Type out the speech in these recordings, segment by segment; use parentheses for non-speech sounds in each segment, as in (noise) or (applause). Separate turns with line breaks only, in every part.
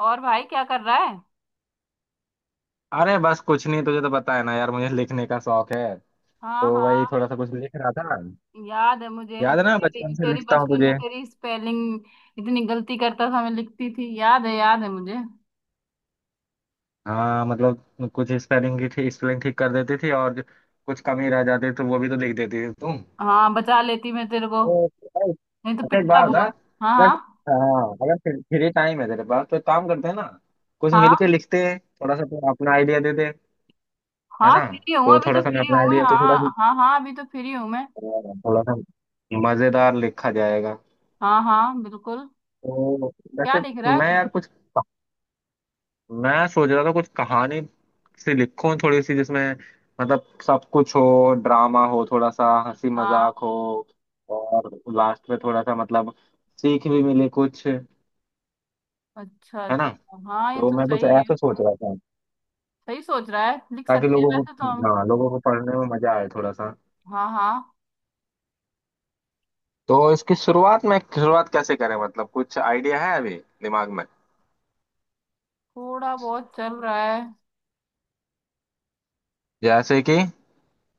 और भाई क्या कर रहा है?
अरे बस कुछ नहीं। तुझे तो पता है ना यार, मुझे लिखने का शौक है।
हाँ
तो वही
हाँ।
थोड़ा सा कुछ लिख रहा था।
याद है मुझे।
याद है ना,
तेरी
बचपन से
तेरी
लिखता हूँ
बचपन में
तुझे।
तेरी स्पेलिंग इतनी गलती करता था, मैं लिखती थी। याद है, याद है मुझे।
हाँ, मतलब कुछ स्पेलिंग की थी, स्पेलिंग ठीक कर देती थी और कुछ कमी रह जाती तो वो भी तो लिख देती थी तुम।
हाँ, बचा लेती मैं तेरे को।
ओ,
नहीं तो
अच्छा एक
पिटता
बात बता।
बहुत। हाँ
अगर
हाँ।
हाँ, अगर फ्री फ्री टाइम है तेरे पास तो एक काम करते हैं ना। कुछ
हाँ
मिलके लिखते हैं थोड़ा सा। तू अपना आइडिया दे दे। है
हाँ,
ना।
फ्री हूँ।
तो
अभी
थोड़ा
तो
सा मैं
फ्री हूँ
अपना
मैं,
आइडिया। तो थोड़ा
हाँ
सा,
हाँ हाँ, अभी तो फ्री हूँ मैं।
थोड़ा सा मजेदार लिखा जाएगा।
हाँ हाँ, बिल्कुल।
तो
क्या
वैसे,
लिख रहा है
मैं
तू?
यार कुछ, मैं सोच रहा था कुछ कहानी सी लिखूं थोड़ी सी, जिसमें मतलब सब कुछ हो, ड्रामा हो, थोड़ा सा हंसी
हाँ।
मजाक हो और लास्ट में थोड़ा सा मतलब सीख भी मिले कुछ। है
अच्छा
ना।
अच्छा। हाँ, ये
तो
तो
मैं कुछ
सही है।
ऐसा सोच रहा था
सही सोच रहा है, लिख
ताकि
सकते हैं
लोगों
वैसे तो
को,
हम।
हाँ, लोगों को पढ़ने में मजा आए थोड़ा सा।
हाँ हाँ।
तो इसकी शुरुआत में, शुरुआत कैसे करें, मतलब कुछ आइडिया है अभी दिमाग में।
थोड़ा बहुत चल रहा है।
जैसे कि,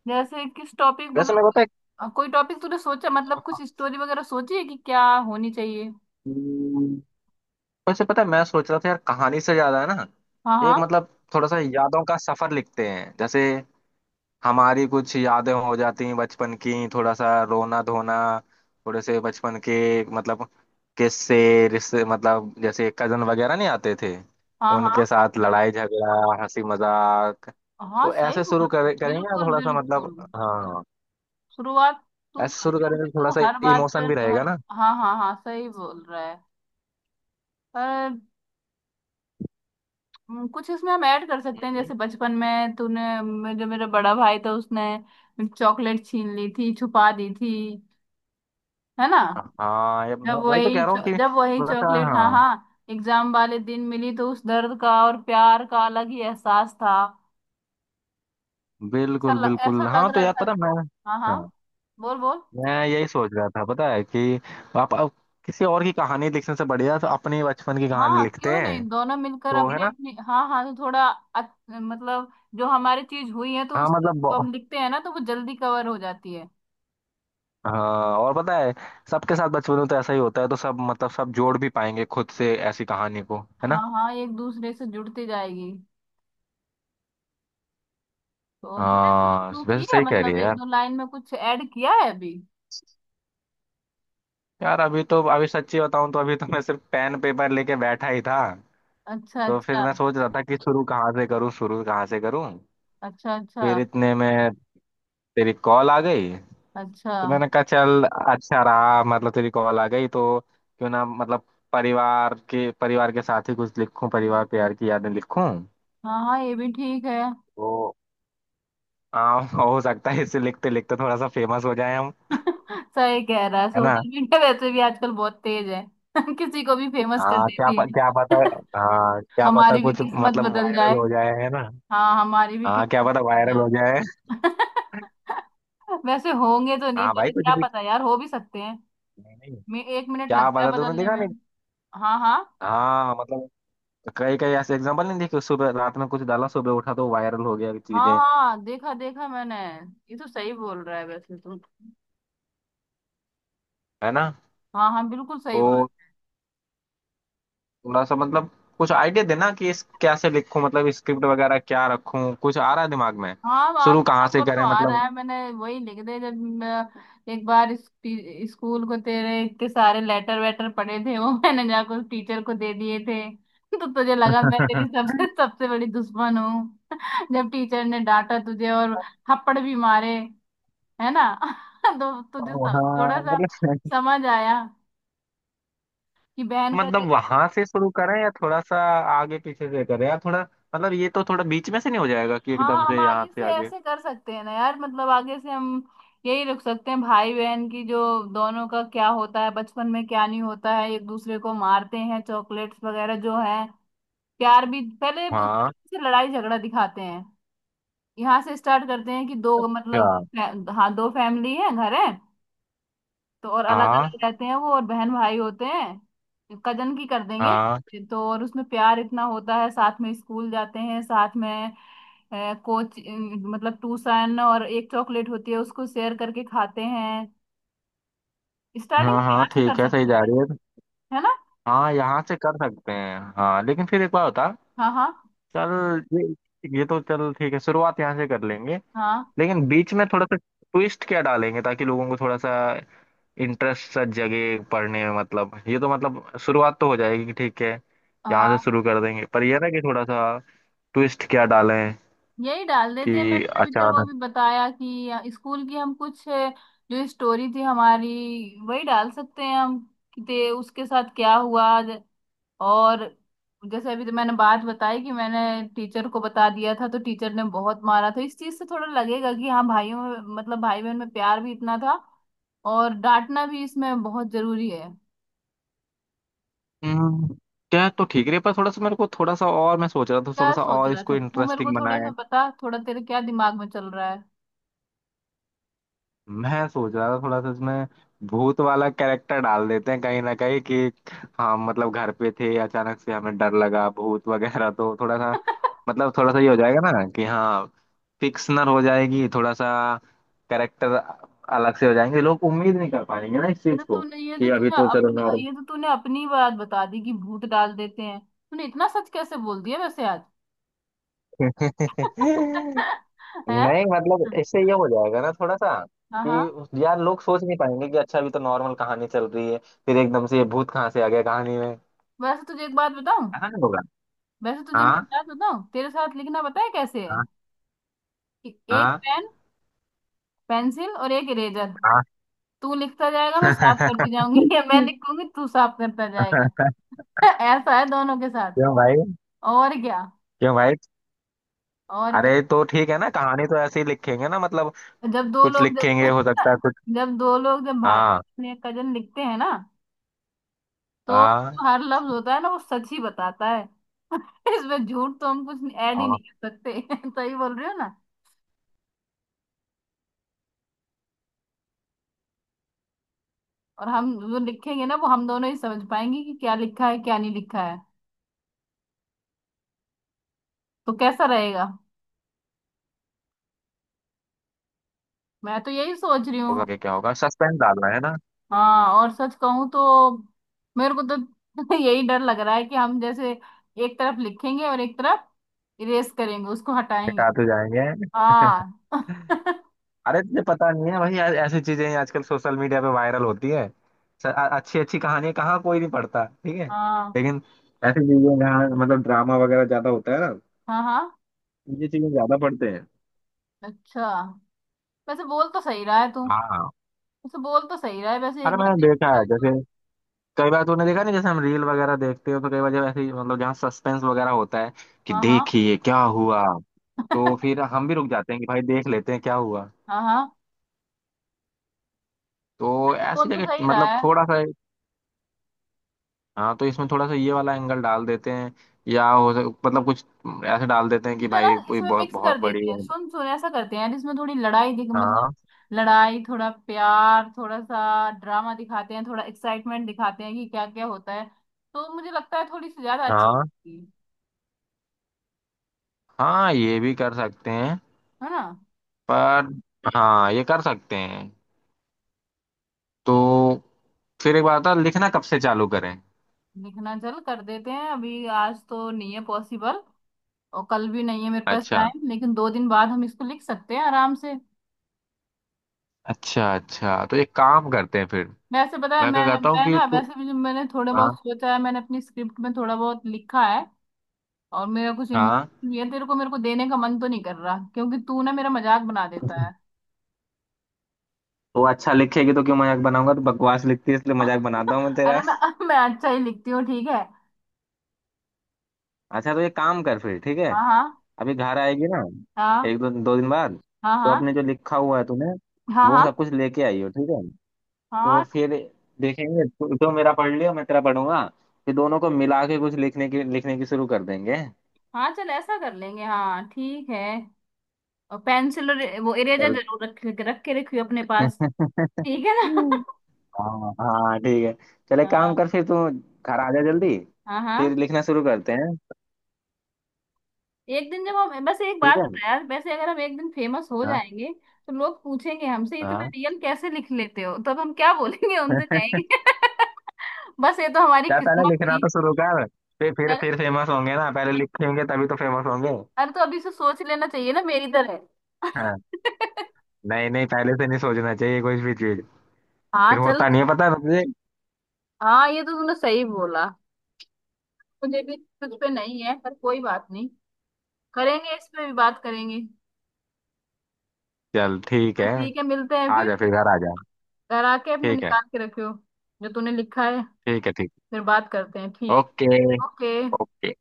जैसे किस टॉपिक,
जैसे
मतलब
मेरे को तो
कोई टॉपिक तूने सोचा? मतलब कुछ स्टोरी वगैरह सोची है कि क्या होनी चाहिए?
एक, वैसे पता है, मैं सोच रहा था यार, कहानी से ज्यादा है ना,
हाँ
एक
हाँ
मतलब थोड़ा सा यादों का सफर लिखते हैं। जैसे हमारी कुछ यादें हो जाती हैं बचपन की, थोड़ा सा रोना धोना, थोड़े से बचपन के मतलब किस्से, रिश्ते, मतलब जैसे कजन वगैरह नहीं आते थे,
हाँ
उनके
हाँ
साथ लड़ाई झगड़ा, हंसी मजाक।
हाँ,
तो
सही
ऐसे
बोल रहा है,
करेंगे ना,
बिल्कुल
थोड़ा सा मतलब।
बिल्कुल।
हाँ,
शुरुआत तू
ऐसे
कर,
शुरू करेंगे
क्योंकि
तो थोड़ा
तू
सा
हर बात पर
इमोशन भी
हर।
रहेगा ना।
हाँ हाँ हाँ, सही बोल रहा है। पर कुछ इसमें हम ऐड कर सकते हैं,
हम्म।
जैसे बचपन में तूने जो मेरा बड़ा भाई था, उसने चॉकलेट छीन ली थी, छुपा दी थी, है ना?
हाँ, वही तो कह रहा हूँ कि
जब वही
थोड़ा सा,
चॉकलेट, हाँ हाँ, एग्जाम वाले दिन मिली तो उस दर्द का और प्यार का अलग ही एहसास था।
बिल्कुल
ऐसा
बिल्कुल।
लग
हाँ तो
रहा
यार,
था।
पता, मैं,
हाँ हाँ।
हाँ,
बोल बोल।
मैं यही सोच रहा था पता है, कि आप अब किसी और की कहानी लिखने से बढ़िया तो अपने बचपन की कहानी
हाँ,
लिखते
क्यों नहीं,
हैं।
दोनों मिलकर
तो है
अपनी
ना।
अपनी। हाँ हाँ, तो थोड़ा मतलब जो हमारी चीज हुई है तो
हाँ
उस चीज
मतलब
को
बहु-
हम लिखते हैं ना, तो वो जल्दी कवर हो जाती है।
हाँ, और पता है, सबके साथ बचपन में तो ऐसा ही होता है, तो सब मतलब सब जोड़ भी पाएंगे खुद से ऐसी कहानी को। है
हाँ
ना।
हाँ, एक दूसरे से जुड़ती जाएगी। तो तूने कुछ
हाँ,
शुरू
वैसे
की है?
सही कह रही
मतलब
है
एक
यार।
दो लाइन में कुछ ऐड किया है अभी?
यार अभी तो, अभी सच्ची बताऊं तो अभी तो मैं सिर्फ पेन पेपर लेके बैठा ही था।
अच्छा
तो फिर
अच्छा।
मैं सोच रहा था कि शुरू कहाँ से करूँ, शुरू कहाँ से करूँ।
अच्छा अच्छा।
फिर इतने में तेरी कॉल आ गई।
अच्छा।
तो मैंने कहा चल, अच्छा रहा मतलब, तेरी कॉल आ गई तो क्यों ना मतलब परिवार के साथ ही कुछ लिखूं, परिवार प्यार की यादें लिखूं।
हाँ हाँ, ये भी ठीक है।
तो हो सकता है इसे लिखते लिखते थोड़ा सा फेमस हो जाए हम।
(laughs) सही कह रहा है,
है ना।
सोशल मीडिया वैसे भी आजकल बहुत तेज है। (laughs) किसी को भी फेमस कर देती
क्या पता।
है। (laughs)
हाँ क्या पता
हमारी भी
कुछ
किस्मत
मतलब
बदल
वायरल
जाए।
हो जाए। है ना।
हाँ, हमारी भी
हाँ क्या
किस्मत
पता
बदल
वायरल
जाए।
हो जाए।
(laughs) वैसे होंगे तो नहीं,
हाँ भाई
पर
कुछ
क्या
भी।
पता यार, हो भी सकते हैं।
नहीं, नहीं।
मैं एक मिनट
क्या
लगता है
पता, तूने
बदलने
देखा
में।
नहीं।
हाँ हाँ।
हाँ मतलब कई कई ऐसे एग्जाम्पल नहीं देखे, सुबह, रात में कुछ डाला, सुबह उठा तो वायरल हो गया
हाँ
चीजें।
हाँ, देखा देखा मैंने। ये तो सही बोल रहा है वैसे तुम।
है ना।
हाँ हाँ, बिल्कुल सही बात।
तो थोड़ा सा मतलब कुछ आइडिया देना कि इस कैसे लिखूं, मतलब स्क्रिप्ट वगैरह क्या रखूं, कुछ आ रहा है दिमाग में,
हाँ, वहाँ
शुरू
थोड़ा
कहाँ से
बहुत तो
करें
आ रहा
मतलब।
है। मैंने वही लिख दे, जब मैं एक बार स्कूल को तेरे इतने सारे लेटर वेटर पड़े थे वो, (laughs) मैंने जाकर टीचर को दे दिए थे। तो तुझे लगा मैं तेरी सबसे
(laughs)
सबसे बड़ी दुश्मन हूँ। जब टीचर ने डांटा तुझे और थप्पड़ भी मारे, है ना? (laughs) तो तुझे
वहाँ,
थोड़ा सा
मतलब,
समझ आया कि बहन का।
मतलब वहां से शुरू करें या थोड़ा सा आगे पीछे से करें या थोड़ा, मतलब ये तो थोड़ा बीच में से नहीं हो जाएगा कि
हाँ,
एकदम
हम
से यहाँ
आगे
से
से
आगे।
ऐसे कर सकते हैं ना यार, मतलब आगे से हम यही रख सकते हैं, भाई बहन की जो दोनों का क्या होता है बचपन में, क्या नहीं होता है, एक दूसरे को मारते हैं, चॉकलेट्स वगैरह जो है। प्यार भी पहले
हाँ,
से लड़ाई झगड़ा दिखाते हैं। यहाँ से स्टार्ट करते हैं कि दो
अच्छा।
मतलब हाँ, दो फैमिली है, घर है, तो और अलग
हाँ
अलग रहते हैं वो, और बहन भाई होते हैं, कजन की कर देंगे।
हाँ
तो और उसमें प्यार इतना होता है, साथ में स्कूल जाते हैं, साथ में है कोच मतलब टूसन, और एक चॉकलेट होती है उसको शेयर करके खाते हैं। स्टार्टिंग
हाँ
में
हाँ,
प्यार से कर
ठीक है, सही
सकती
जा
है
रही है।
है ना?
हाँ यहाँ से कर सकते हैं, हाँ, लेकिन फिर एक बार होता।
हाँ हाँ।
चल ये तो चल ठीक है, शुरुआत यहाँ से कर लेंगे।
हाँ
लेकिन बीच में थोड़ा सा ट्विस्ट क्या डालेंगे ताकि लोगों को थोड़ा सा इंटरेस्ट सा जगे पढ़ने में। मतलब ये तो मतलब शुरुआत तो हो जाएगी कि ठीक है, यहाँ से
हाँ।
शुरू कर देंगे, पर ये ना कि थोड़ा सा ट्विस्ट क्या डालें
यही डाल देते हैं,
कि
मैंने तभी तेरे को
अचानक।
अभी बताया कि स्कूल की हम कुछ, जो स्टोरी थी हमारी, वही डाल सकते हैं हम, कि ते उसके साथ क्या हुआ। और जैसे अभी तो मैंने बात बताई कि मैंने टीचर को बता दिया था तो टीचर ने बहुत मारा था, इस चीज से थोड़ा लगेगा कि हाँ भाइयों में, मतलब भाई बहन में प्यार भी इतना था, और डांटना भी इसमें बहुत जरूरी है।
हम्म, क्या है, तो ठीक है, पर थोड़ा सा मेरे को थोड़ा सा, और मैं सोच रहा था थोड़ा
क्या
सा
सोच
और
रहा था
इसको
तू? मेरे
इंटरेस्टिंग।
को थोड़ा सा पता, थोड़ा तेरे क्या दिमाग में चल रहा है।
मैं सोच रहा था थोड़ा सा इसमें भूत वाला कैरेक्टर डाल देते हैं कहीं ना कहीं, कि हम मतलब घर पे थे, अचानक से हमें डर लगा, भूत (laughs) वगैरह, तो थोड़ा सा
(laughs)
मतलब थोड़ा सा ये हो जाएगा ना कि हाँ, फिक्शनल हो जाएगी थोड़ा सा, कैरेक्टर अलग से हो जाएंगे, लोग उम्मीद नहीं कर पाएंगे ना इस चीज को, कि अभी तो चलो नॉर्मल।
ये तो तूने अपनी ही बात बता दी कि भूत डाल देते हैं। तूने इतना सच कैसे बोल दिया वैसे आज?
(laughs) नहीं
(laughs) है।
मतलब, इससे ये हो जाएगा ना थोड़ा सा
हाँ हाँ।
कि यार लोग सोच नहीं पाएंगे कि अच्छा अभी तो नॉर्मल कहानी चल रही है, फिर एकदम से ये भूत कहाँ से आ गया कहानी में।
वैसे तुझे एक बात बताऊं?
ऐसा नहीं।
वैसे तुझे मैं एक
हाँ,
बात बताऊं, तेरे साथ लिखना पता है कैसे है?
हाँ।
कि एक
हाँ,
पेन, पेंसिल और एक इरेजर।
हाँ।
तू लिखता जाएगा, मैं साफ करती
(laughs)
जाऊंगी, (laughs) या मैं लिखूंगी तू साफ करता जाएगा। (laughs) ऐसा है दोनों के साथ।
क्यों भाई,
और क्या।
क्यों भाई,
और क्या।
अरे तो ठीक है ना, कहानी तो ऐसे ही लिखेंगे ना मतलब
जब दो
कुछ
लोग
लिखेंगे,
जब
हो सकता
(laughs)
है कुछ।
जब दो लोग, जब भाई
हाँ,
या कजन लिखते हैं ना, तो
हाँ,
जो हर लफ्ज होता है ना वो सच ही बताता है। (laughs) इसमें झूठ तो हम कुछ ऐड ही
हाँ,
नहीं कर सकते। (laughs) सही बोल रही हो ना। और हम जो लिखेंगे ना वो हम दोनों ही समझ पाएंगे कि क्या लिखा है, क्या नहीं लिखा है। तो कैसा रहेगा? मैं तो यही सोच रही
होगा
हूँ।
कि क्या होगा, सस्पेंस डालना है ना,
हाँ, और सच कहूँ तो मेरे को तो (laughs) यही डर लग रहा है कि हम जैसे एक तरफ लिखेंगे और एक तरफ इरेज करेंगे, उसको हटाएंगे।
दिखाते जाएंगे।
हाँ। (laughs)
अरे तुझे पता नहीं है भाई, ऐसी चीजें ही आजकल सोशल मीडिया पे वायरल होती है। अच्छी अच्छी कहानी कहाँ कोई नहीं पढ़ता, ठीक है,
हाँ
लेकिन ऐसी चीजें जहाँ मतलब ड्रामा वगैरह ज्यादा होता है ना,
हाँ। हाँ,
ये चीजें ज्यादा पढ़ते हैं।
अच्छा। वैसे बोल तो सही रहा है तू।
हाँ, हाँ।
वैसे बोल तो सही रहा है, वैसे एक
अरे
बार
मैंने देखा
देखा
है,
जाए
जैसे
तो।
कई बार तूने देखा नहीं, जैसे हम रील वगैरह देखते हो तो कई बार जब ऐसे ही, मतलब जहाँ सस्पेंस वगैरह होता है कि
हाँ हाँ।
देखिए क्या हुआ, तो फिर हम भी रुक जाते हैं कि भाई देख लेते हैं क्या हुआ।
हाँ हाँ,
तो
तो
ऐसी
बोल तो
जगह
सही रहा
मतलब
है।
थोड़ा सा, हाँ, तो इसमें थोड़ा सा ये वाला एंगल डाल देते हैं, मतलब कुछ ऐसे डाल देते हैं कि
इसमें ना,
भाई कोई
इसमें
बहुत
मिक्स कर
बहुत बड़ी।
देते हैं, सुन सुन, ऐसा करते हैं यार, इसमें थोड़ी लड़ाई दिख, मतलब
हाँ,
लड़ाई, थोड़ा प्यार, थोड़ा सा ड्रामा दिखाते हैं, थोड़ा एक्साइटमेंट दिखाते हैं कि क्या क्या होता है। तो मुझे लगता है थोड़ी सी ज्यादा अच्छी
हाँ,
लगेगी,
हाँ, ये भी कर सकते हैं,
है ना।
पर हाँ, ये कर सकते हैं। तो फिर एक बात था, लिखना कब से चालू करें।
लिखना चल कर देते हैं, अभी आज तो नहीं है पॉसिबल, और कल भी नहीं है मेरे पास
अच्छा,
टाइम, लेकिन 2 दिन बाद हम इसको लिख सकते हैं आराम से।
अच्छा अच्छा, तो एक काम करते हैं फिर।
वैसे पता है
मैं
मैं
क्या कहता हूँ
मैं
कि
ना,
तू,
वैसे भी जो मैंने थोड़ा
हाँ,
बहुत सोचा है, मैंने अपनी स्क्रिप्ट में थोड़ा बहुत लिखा है, और मेरा कुछ
हाँ।
इमोशन ये तेरे को मेरे को देने का मन तो नहीं कर रहा, क्योंकि तू ना मेरा मजाक बना देता है।
(laughs) तो अच्छा लिखेगी तो क्यों मजाक बनाऊंगा, तो बकवास लिखती है इसलिए मजाक बनाता हूँ मैं
(laughs)
तेरा।
अरे मैं अच्छा ही लिखती हूँ, ठीक है।
अच्छा, तो ये काम कर फिर, ठीक है।
हाँ
अभी घर आएगी ना,
हाँ
एक दो दो दिन बाद,
हाँ हाँ
तो
हाँ
अपने जो लिखा हुआ है तूने, वो
हाँ
सब कुछ लेके आई हो, ठीक है।
हाँ
तो
हाँ
फिर देखेंगे, तू तो मेरा पढ़ लियो, मैं तेरा पढ़ूंगा, फिर दोनों को मिला के कुछ लिखने की शुरू कर देंगे।
हाँ, चल ऐसा कर लेंगे, हाँ ठीक है। और पेंसिल और वो इरेजर
चल।
जरूर रख, रख के रखियो अपने पास,
(laughs)
ठीक है ना? (laughs)
हाँ हाँ ठीक है, चले, काम
हाँ
कर फिर तू, घर आ जा जल्दी,
हाँ
फिर
हाँ।
लिखना शुरू करते हैं।
एक दिन जब हम, बस एक बात
ठीक है।
बता यार, वैसे अगर हम एक दिन फेमस हो
हाँ,
जाएंगे, तो लोग पूछेंगे हमसे इतना
हाँ।
रियल कैसे लिख लेते हो, तब हम क्या बोलेंगे उनसे,
(laughs)
कहेंगे (laughs) बस ये तो हमारी
क्या, पहले
किस्मत
लिखना
थी।
तो शुरू कर, फिर फिर
चल।
फिर फेमस होंगे ना, पहले लिखेंगे तभी तो फेमस होंगे।
अरे तो अभी से सोच लेना चाहिए ना, मेरी तरह।
हाँ,
(laughs)
नहीं नहीं पहले से नहीं सोचना चाहिए कोई भी चीज,
हाँ
फिर
चल।
होता नहीं है पता है तुझे।
हाँ, ये तो तूने सही बोला। मुझे भी। तुझ पे नहीं है पर कोई बात नहीं। करेंगे, इस पे भी बात करेंगे।
चल ठीक
चल
है,
ठीक है, मिलते हैं
आ जा
फिर।
फिर, घर आ जा।
घर आके अपना
ठीक है,
निकाल के रखियो जो तूने लिखा है।
ठीक है, ठीक।
फिर बात करते हैं, ठीक।
ओके।
ओके।
ओके।